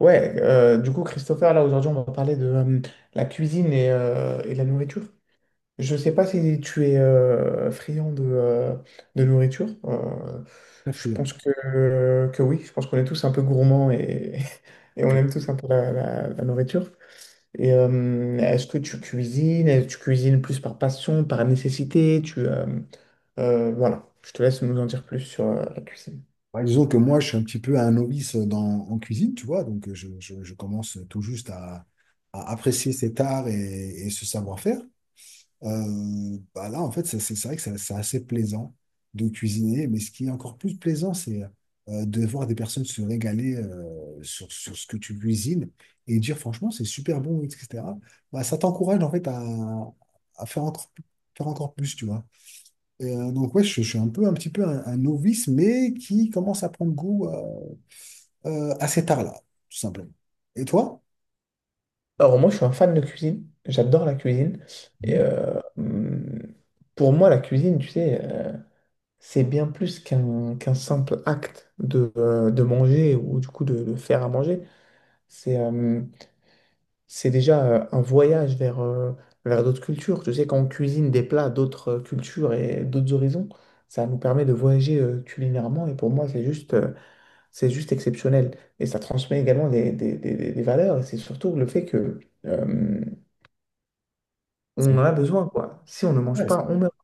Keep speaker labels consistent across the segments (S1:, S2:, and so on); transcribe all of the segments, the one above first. S1: Ouais, du coup, Christopher, là, aujourd'hui, on va parler de la cuisine et la nourriture. Je sais pas si tu es friand de de nourriture.
S2: Très
S1: Je
S2: friand.
S1: pense que oui, je pense qu'on est tous un peu gourmands et, et on
S2: Ok.
S1: aime tous un peu la nourriture. Et est-ce que tu cuisines? Est-ce que tu cuisines plus par passion, par nécessité? Voilà, je te laisse nous en dire plus sur la cuisine.
S2: Ouais, disons que moi, je suis un petit peu un novice dans, en cuisine, tu vois, donc je commence tout juste à apprécier cet art et ce savoir-faire. En fait, c'est vrai que c'est assez plaisant de cuisiner, mais ce qui est encore plus plaisant, c'est de voir des personnes se régaler sur, sur ce que tu cuisines et dire franchement, c'est super bon, etc. Bah, ça t'encourage en fait à faire faire encore plus, tu vois. Donc ouais, je suis un peu, un petit peu un novice, mais qui commence à prendre goût assez tard là, tout simplement. Et toi?
S1: Alors moi, je suis un fan de cuisine. J'adore la cuisine. Et
S2: Mhm.
S1: pour moi, la cuisine, tu sais, c'est bien plus qu'un simple acte de de manger ou du coup de faire à manger. C'est euh, c'est déjà un voyage vers vers d'autres cultures. Tu sais, quand on cuisine des plats d'autres cultures et d'autres horizons, ça nous permet de voyager culinairement. Et pour moi, c'est juste c'est juste exceptionnel. Et ça transmet également des valeurs. Et c'est surtout le fait que... euh,
S2: C'est
S1: on
S2: vrai,
S1: en a besoin, quoi. Si on ne mange
S2: ouais, c'est
S1: pas,
S2: vrai.
S1: on meurt.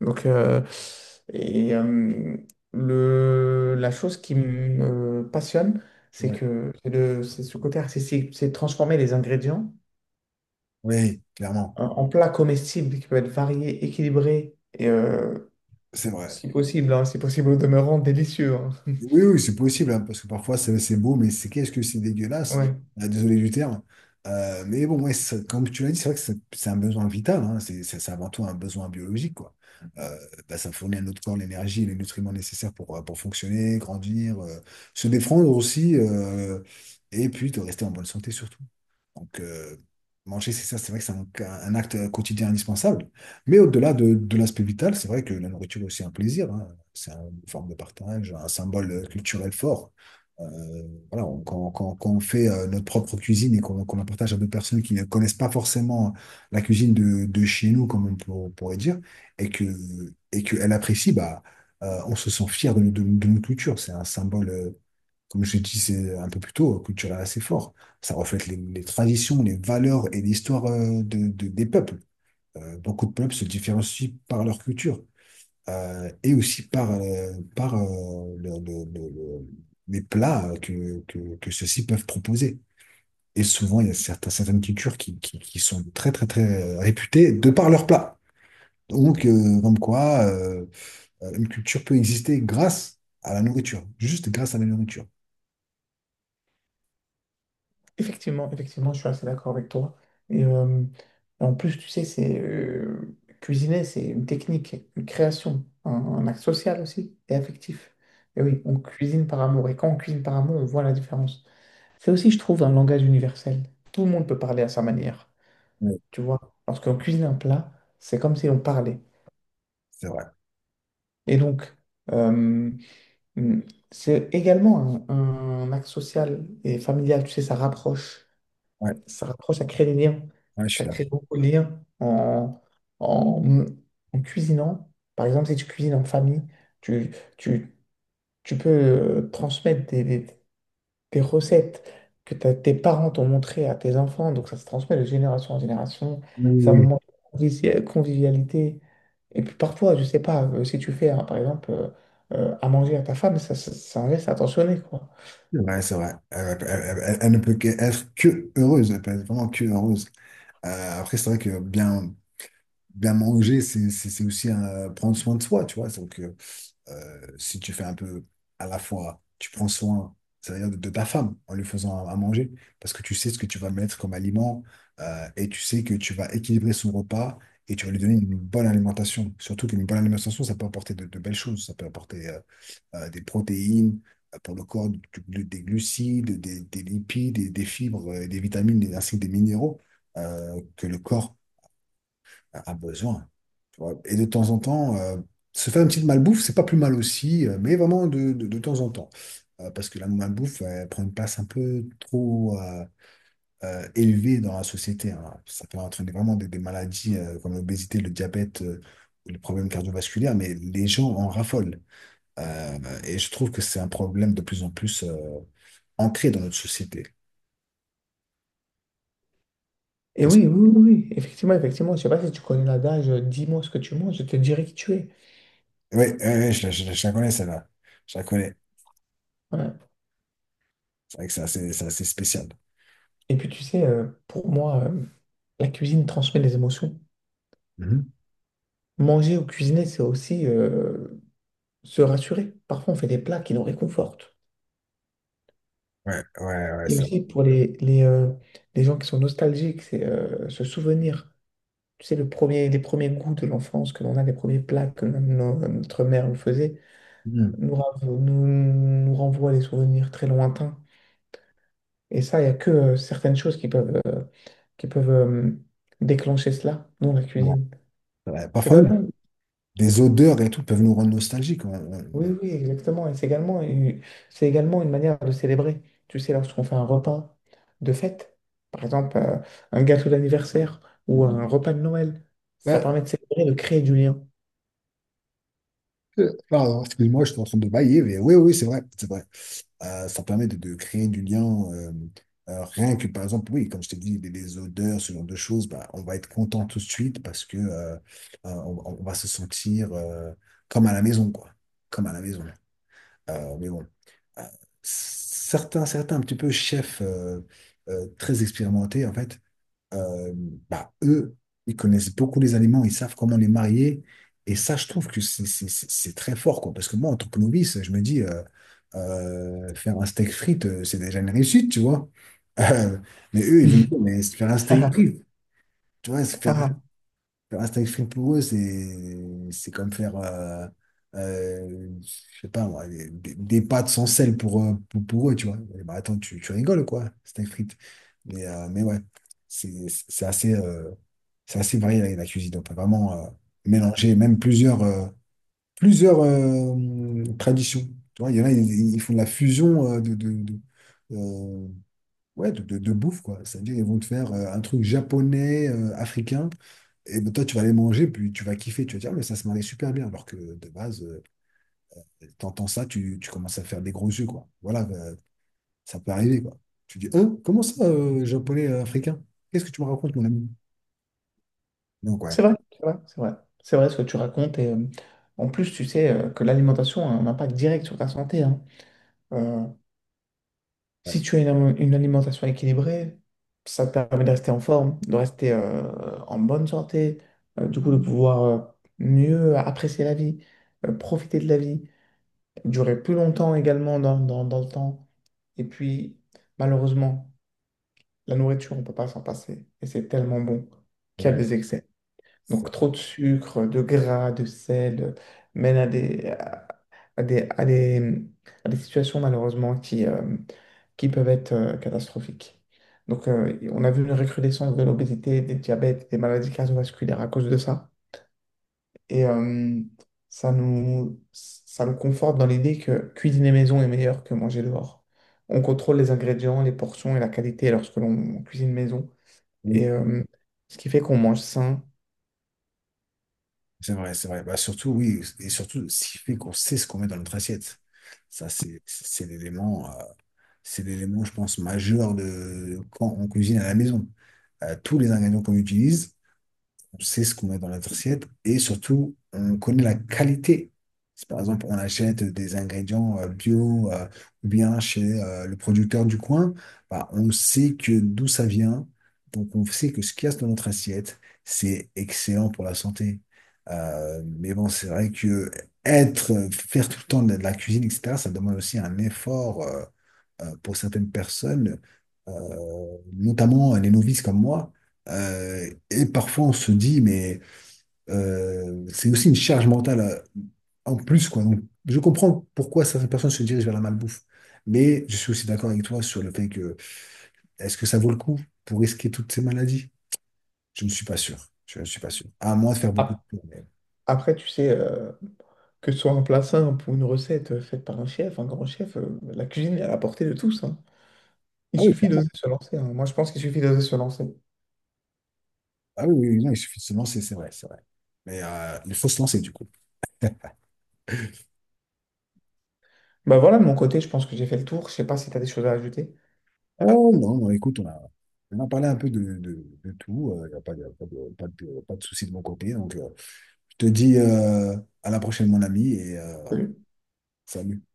S1: Donc, et, euh, la chose qui me passionne, c'est
S2: Ouais.
S1: que c'est ce côté artistique, c'est transformer les ingrédients
S2: Oui, clairement,
S1: en, en plats comestibles qui peuvent être variés, équilibrés et,
S2: c'est vrai.
S1: si possible, hein, si possible, au demeurant, délicieux, hein.
S2: Oui, oui, c'est possible, hein, parce que parfois c'est beau, mais c'est qu'est-ce que c'est dégueulasse.
S1: Ouais.
S2: Désolé du terme. Mais bon, ouais, ça- comme tu l'as dit, c'est vrai que c'est un besoin vital, hein, c'est avant tout un besoin biologique, quoi. Euh, ça fournit à notre corps l'énergie et les nutriments nécessaires pour fonctionner, grandir, se défendre aussi, et puis de rester en bonne santé surtout. Donc, manger, c'est ça, c'est vrai que c'est un acte quotidien indispensable. Mais au-delà de l'aspect vital, c'est vrai que la nourriture est aussi un plaisir, hein. C'est une forme de partage, un symbole culturel fort. Euh, voilà, on- quand on fait notre propre cuisine et qu'on la partage à d'autres personnes qui ne connaissent pas forcément la cuisine de chez nous, comme on pourrait dire, et que, et qu'elle apprécie, bah, on se sent fier de notre culture. C'est un symbole, comme je l'ai dit c'est un peu plus tôt, culturel assez fort. Ça reflète les traditions, les valeurs et l'histoire de, des peuples. Beaucoup de peuples se différencient par leur culture et aussi par, les plats que ceux-ci peuvent proposer. Et souvent, il y a certaines cultures qui sont très, très, très réputées de par leurs plats. Donc, comme quoi, une culture peut exister grâce à la nourriture, juste grâce à la nourriture.
S1: Effectivement, effectivement, je suis assez d'accord avec toi. Et en plus, tu sais, c'est cuisiner, c'est une technique, une création, un acte social aussi et affectif. Et oui, on cuisine par amour. Et quand on cuisine par amour, on voit la différence. C'est aussi, je trouve, un langage universel. Tout le monde peut parler à sa manière.
S2: Oui,
S1: Tu vois, lorsqu'on cuisine un plat, c'est comme si on parlait.
S2: c'est vrai.
S1: Et donc, euh, mm, c'est également un acte social et familial. Tu sais, ça rapproche,
S2: Ouais,
S1: ça rapproche, ça crée des liens.
S2: ouais, je
S1: Ça
S2: suis
S1: crée beaucoup de liens en, en, en cuisinant. Par exemple, si tu cuisines en famille, tu, tu, tu peux transmettre des recettes que tes parents t'ont montrées à tes enfants. Donc, ça se transmet de génération en génération.
S2: Oui, oui,
S1: C'est un
S2: oui.
S1: moment de convivialité. Et puis parfois, je sais pas, si tu fais, hein, par exemple, à manger à ta femme, c'est un geste attentionné, quoi.
S2: C'est vrai, c'est vrai. Elle, elle elle ne peut que- être que heureuse, elle peut être vraiment que heureuse. C'est vrai que bien, bien manger, c'est aussi prendre soin de soi, tu vois. Donc, si tu fais un peu à la fois, tu prends soin, c'est-à-dire de ta femme en lui faisant à manger, parce que tu sais ce que tu vas mettre comme aliment et tu sais que tu vas équilibrer son repas et tu vas lui donner une bonne alimentation. Surtout qu'une bonne alimentation, ça peut apporter de belles choses. Ça peut apporter des protéines pour le corps, des glucides, des lipides, et des fibres, des vitamines, et ainsi que des minéraux que le corps a besoin, tu vois. Et de temps en temps, se faire une petite malbouffe, c'est pas plus mal aussi, mais vraiment de temps en temps. Parce que la malbouffe, elle prend une place un peu trop élevée dans la société, hein. Ça peut entraîner vraiment des maladies comme l'obésité, le diabète, ou les problèmes cardiovasculaires, mais les gens en raffolent. Euh, et je trouve que c'est un problème de plus en plus ancré dans notre société.
S1: Et
S2: Qu'est-ce que-
S1: oui, oui, oui, oui, effectivement, effectivement. Je sais pas si tu connais l'adage, dis-moi ce que tu manges, je te dirai qui tu es.
S2: Oui, oui, oui, je la connais, celle-là. Je la connais.
S1: Voilà.
S2: C'est vrai que c'est assez spécial.
S1: Et puis tu sais, pour moi, la cuisine transmet des émotions.
S2: Mhm.
S1: Manger ou cuisiner, c'est aussi se rassurer. Parfois, on fait des plats qui nous réconfortent.
S2: Ouais, ouais, ouais,
S1: Et
S2: ça.
S1: aussi pour les gens qui sont nostalgiques, c'est se souvenir. Tu sais, les premiers goûts de l'enfance que l'on a, les premiers plats que notre mère nous faisait,
S2: Mhm.
S1: nous renvoient des souvenirs très lointains. Et ça, il n'y a que certaines choses qui peuvent, qui peuvent déclencher cela dans la
S2: Bon.
S1: cuisine.
S2: Ouais,
S1: C'est
S2: parfois,
S1: quand
S2: même,
S1: même,
S2: des odeurs et tout peuvent nous rendre nostalgiques.
S1: oui,
S2: On-
S1: oui, exactement. Et c'est également c'est également une manière de célébrer. Tu sais, lorsqu'on fait un repas de fête, par exemple, un gâteau d'anniversaire ou un repas de Noël, ça
S2: Ouais.
S1: permet de célébrer, de créer du lien.
S2: Excuse-moi, je suis en train de bailler, mais oui, oui, c'est vrai, c'est vrai. Ça permet de créer du lien, euh, rien que, par exemple, oui, comme je t'ai dit, les odeurs, ce genre de choses, bah, on va être content tout de suite parce que, on va se sentir, comme à la maison, quoi. Comme à la maison. Mais bon, Euh, certains, certains un petit peu chefs très expérimentés, en fait, euh, bah, eux, ils connaissent beaucoup les aliments, ils savent comment les marier. Et ça, je trouve que c'est très fort, quoi. Parce que moi, en tant que novice, je me dis, faire un steak frites, c'est déjà une réussite, tu vois. Euh, mais eux, ils vont me dire, mais faire un steak
S1: Ah,
S2: frites, tu vois, faire
S1: ah,
S2: Faire un steak frites pour eux, c'est comme faire, je sais pas moi, des pâtes sans sel pour, pour eux, tu vois. Eh ben, attends, tu rigoles, quoi, steak frites. Mais ouais, c'est c'est assez, euh, c'est assez varié la la cuisine. On peut vraiment mélanger même plusieurs, plusieurs traditions. Tu vois, il y en a, ils font de la fusion euh, ouais, de bouffe, quoi. C'est-à-dire, ils vont te faire un truc japonais, africain. Et ben, toi, tu vas les manger, puis tu vas kiffer, tu vas dire, ah, mais ça se mariait super bien. Alors que de base, t'entends ça, tu commences à faire des gros yeux, quoi. Voilà, ça peut arriver, quoi. Tu dis, hein, comment ça, japonais, africain? Qu'est-ce que tu me racontes, mon ami? Donc, ouais,
S1: c'est vrai, c'est vrai, c'est vrai. C'est vrai ce que tu racontes. Et en plus, tu sais que l'alimentation a un impact direct sur ta santé, hein. Euh,
S2: ouais,
S1: Si tu as une alimentation équilibrée, ça te permet de rester en forme, de rester en bonne santé, du coup de pouvoir mieux apprécier la vie, profiter de la vie, durer plus longtemps également dans, dans le temps. Et puis, malheureusement, la nourriture, on ne peut pas s'en passer. Et c'est tellement bon qu'il y a
S2: ouais,
S1: des excès.
S2: ça.
S1: Donc, trop de sucre, de gras, de sel, mène à des, à des, à des situations malheureusement qui peuvent être catastrophiques. Donc, on a vu une recrudescence de l'obésité, des diabètes, des maladies cardiovasculaires à cause de ça. Et ça nous conforte dans l'idée que cuisiner maison est meilleur que manger dehors. On contrôle les ingrédients, les portions et la qualité lorsque l'on cuisine maison.
S2: Oui,
S1: Et ce qui fait qu'on mange sain.
S2: c'est vrai, c'est vrai. Bah, surtout, oui, et surtout, ce qui fait qu'on sait ce qu'on met dans notre assiette. Ça, c'est l'élément, c'est l'élément, je pense, majeur de quand on cuisine à la maison. Tous les ingrédients qu'on utilise, on sait ce qu'on met dans la assiette et surtout, on connaît la qualité. Si par exemple, on achète des ingrédients bio ou bien chez le producteur du coin, bah, on sait que d'où ça vient. Donc, on sait que ce qu'il y a dans notre assiette, c'est excellent pour la santé. Mais bon, c'est vrai que être, faire tout le temps de la cuisine, etc., ça demande aussi un effort pour certaines personnes, euh, notamment les novices comme moi et parfois, on se dit, mais c'est aussi une charge mentale en plus, quoi. Donc, je comprends pourquoi certaines personnes se dirigent vers la malbouffe, mais je suis aussi d'accord avec toi sur le fait que est-ce que ça vaut le coup pour risquer toutes ces maladies? Je ne suis pas sûr. Je ne suis pas sûr. À moins de faire beaucoup de
S1: Ap-
S2: tours, mais-
S1: Après, tu sais, que ce soit un plat simple ou une recette faite par un chef, un grand chef, la cuisine est à la portée de tous, hein. Il
S2: Ah oui,
S1: suffit d'oser se lancer, hein. Moi, je pense qu'il suffit d'oser se lancer.
S2: ah oui, oui, oui, non, il suffit de se lancer, c'est vrai, c'est vrai. Mais il faut se lancer, du coup.
S1: Bah voilà, de mon côté, je pense que j'ai fait le tour. Je sais pas si tu as des choses à ajouter.
S2: Oh non, non, écoute, on a parlé un peu de tout. Il n'y a pas de, pas de, pas de, pas de souci de mon côté. Donc, je te dis à la prochaine, mon ami, et salut.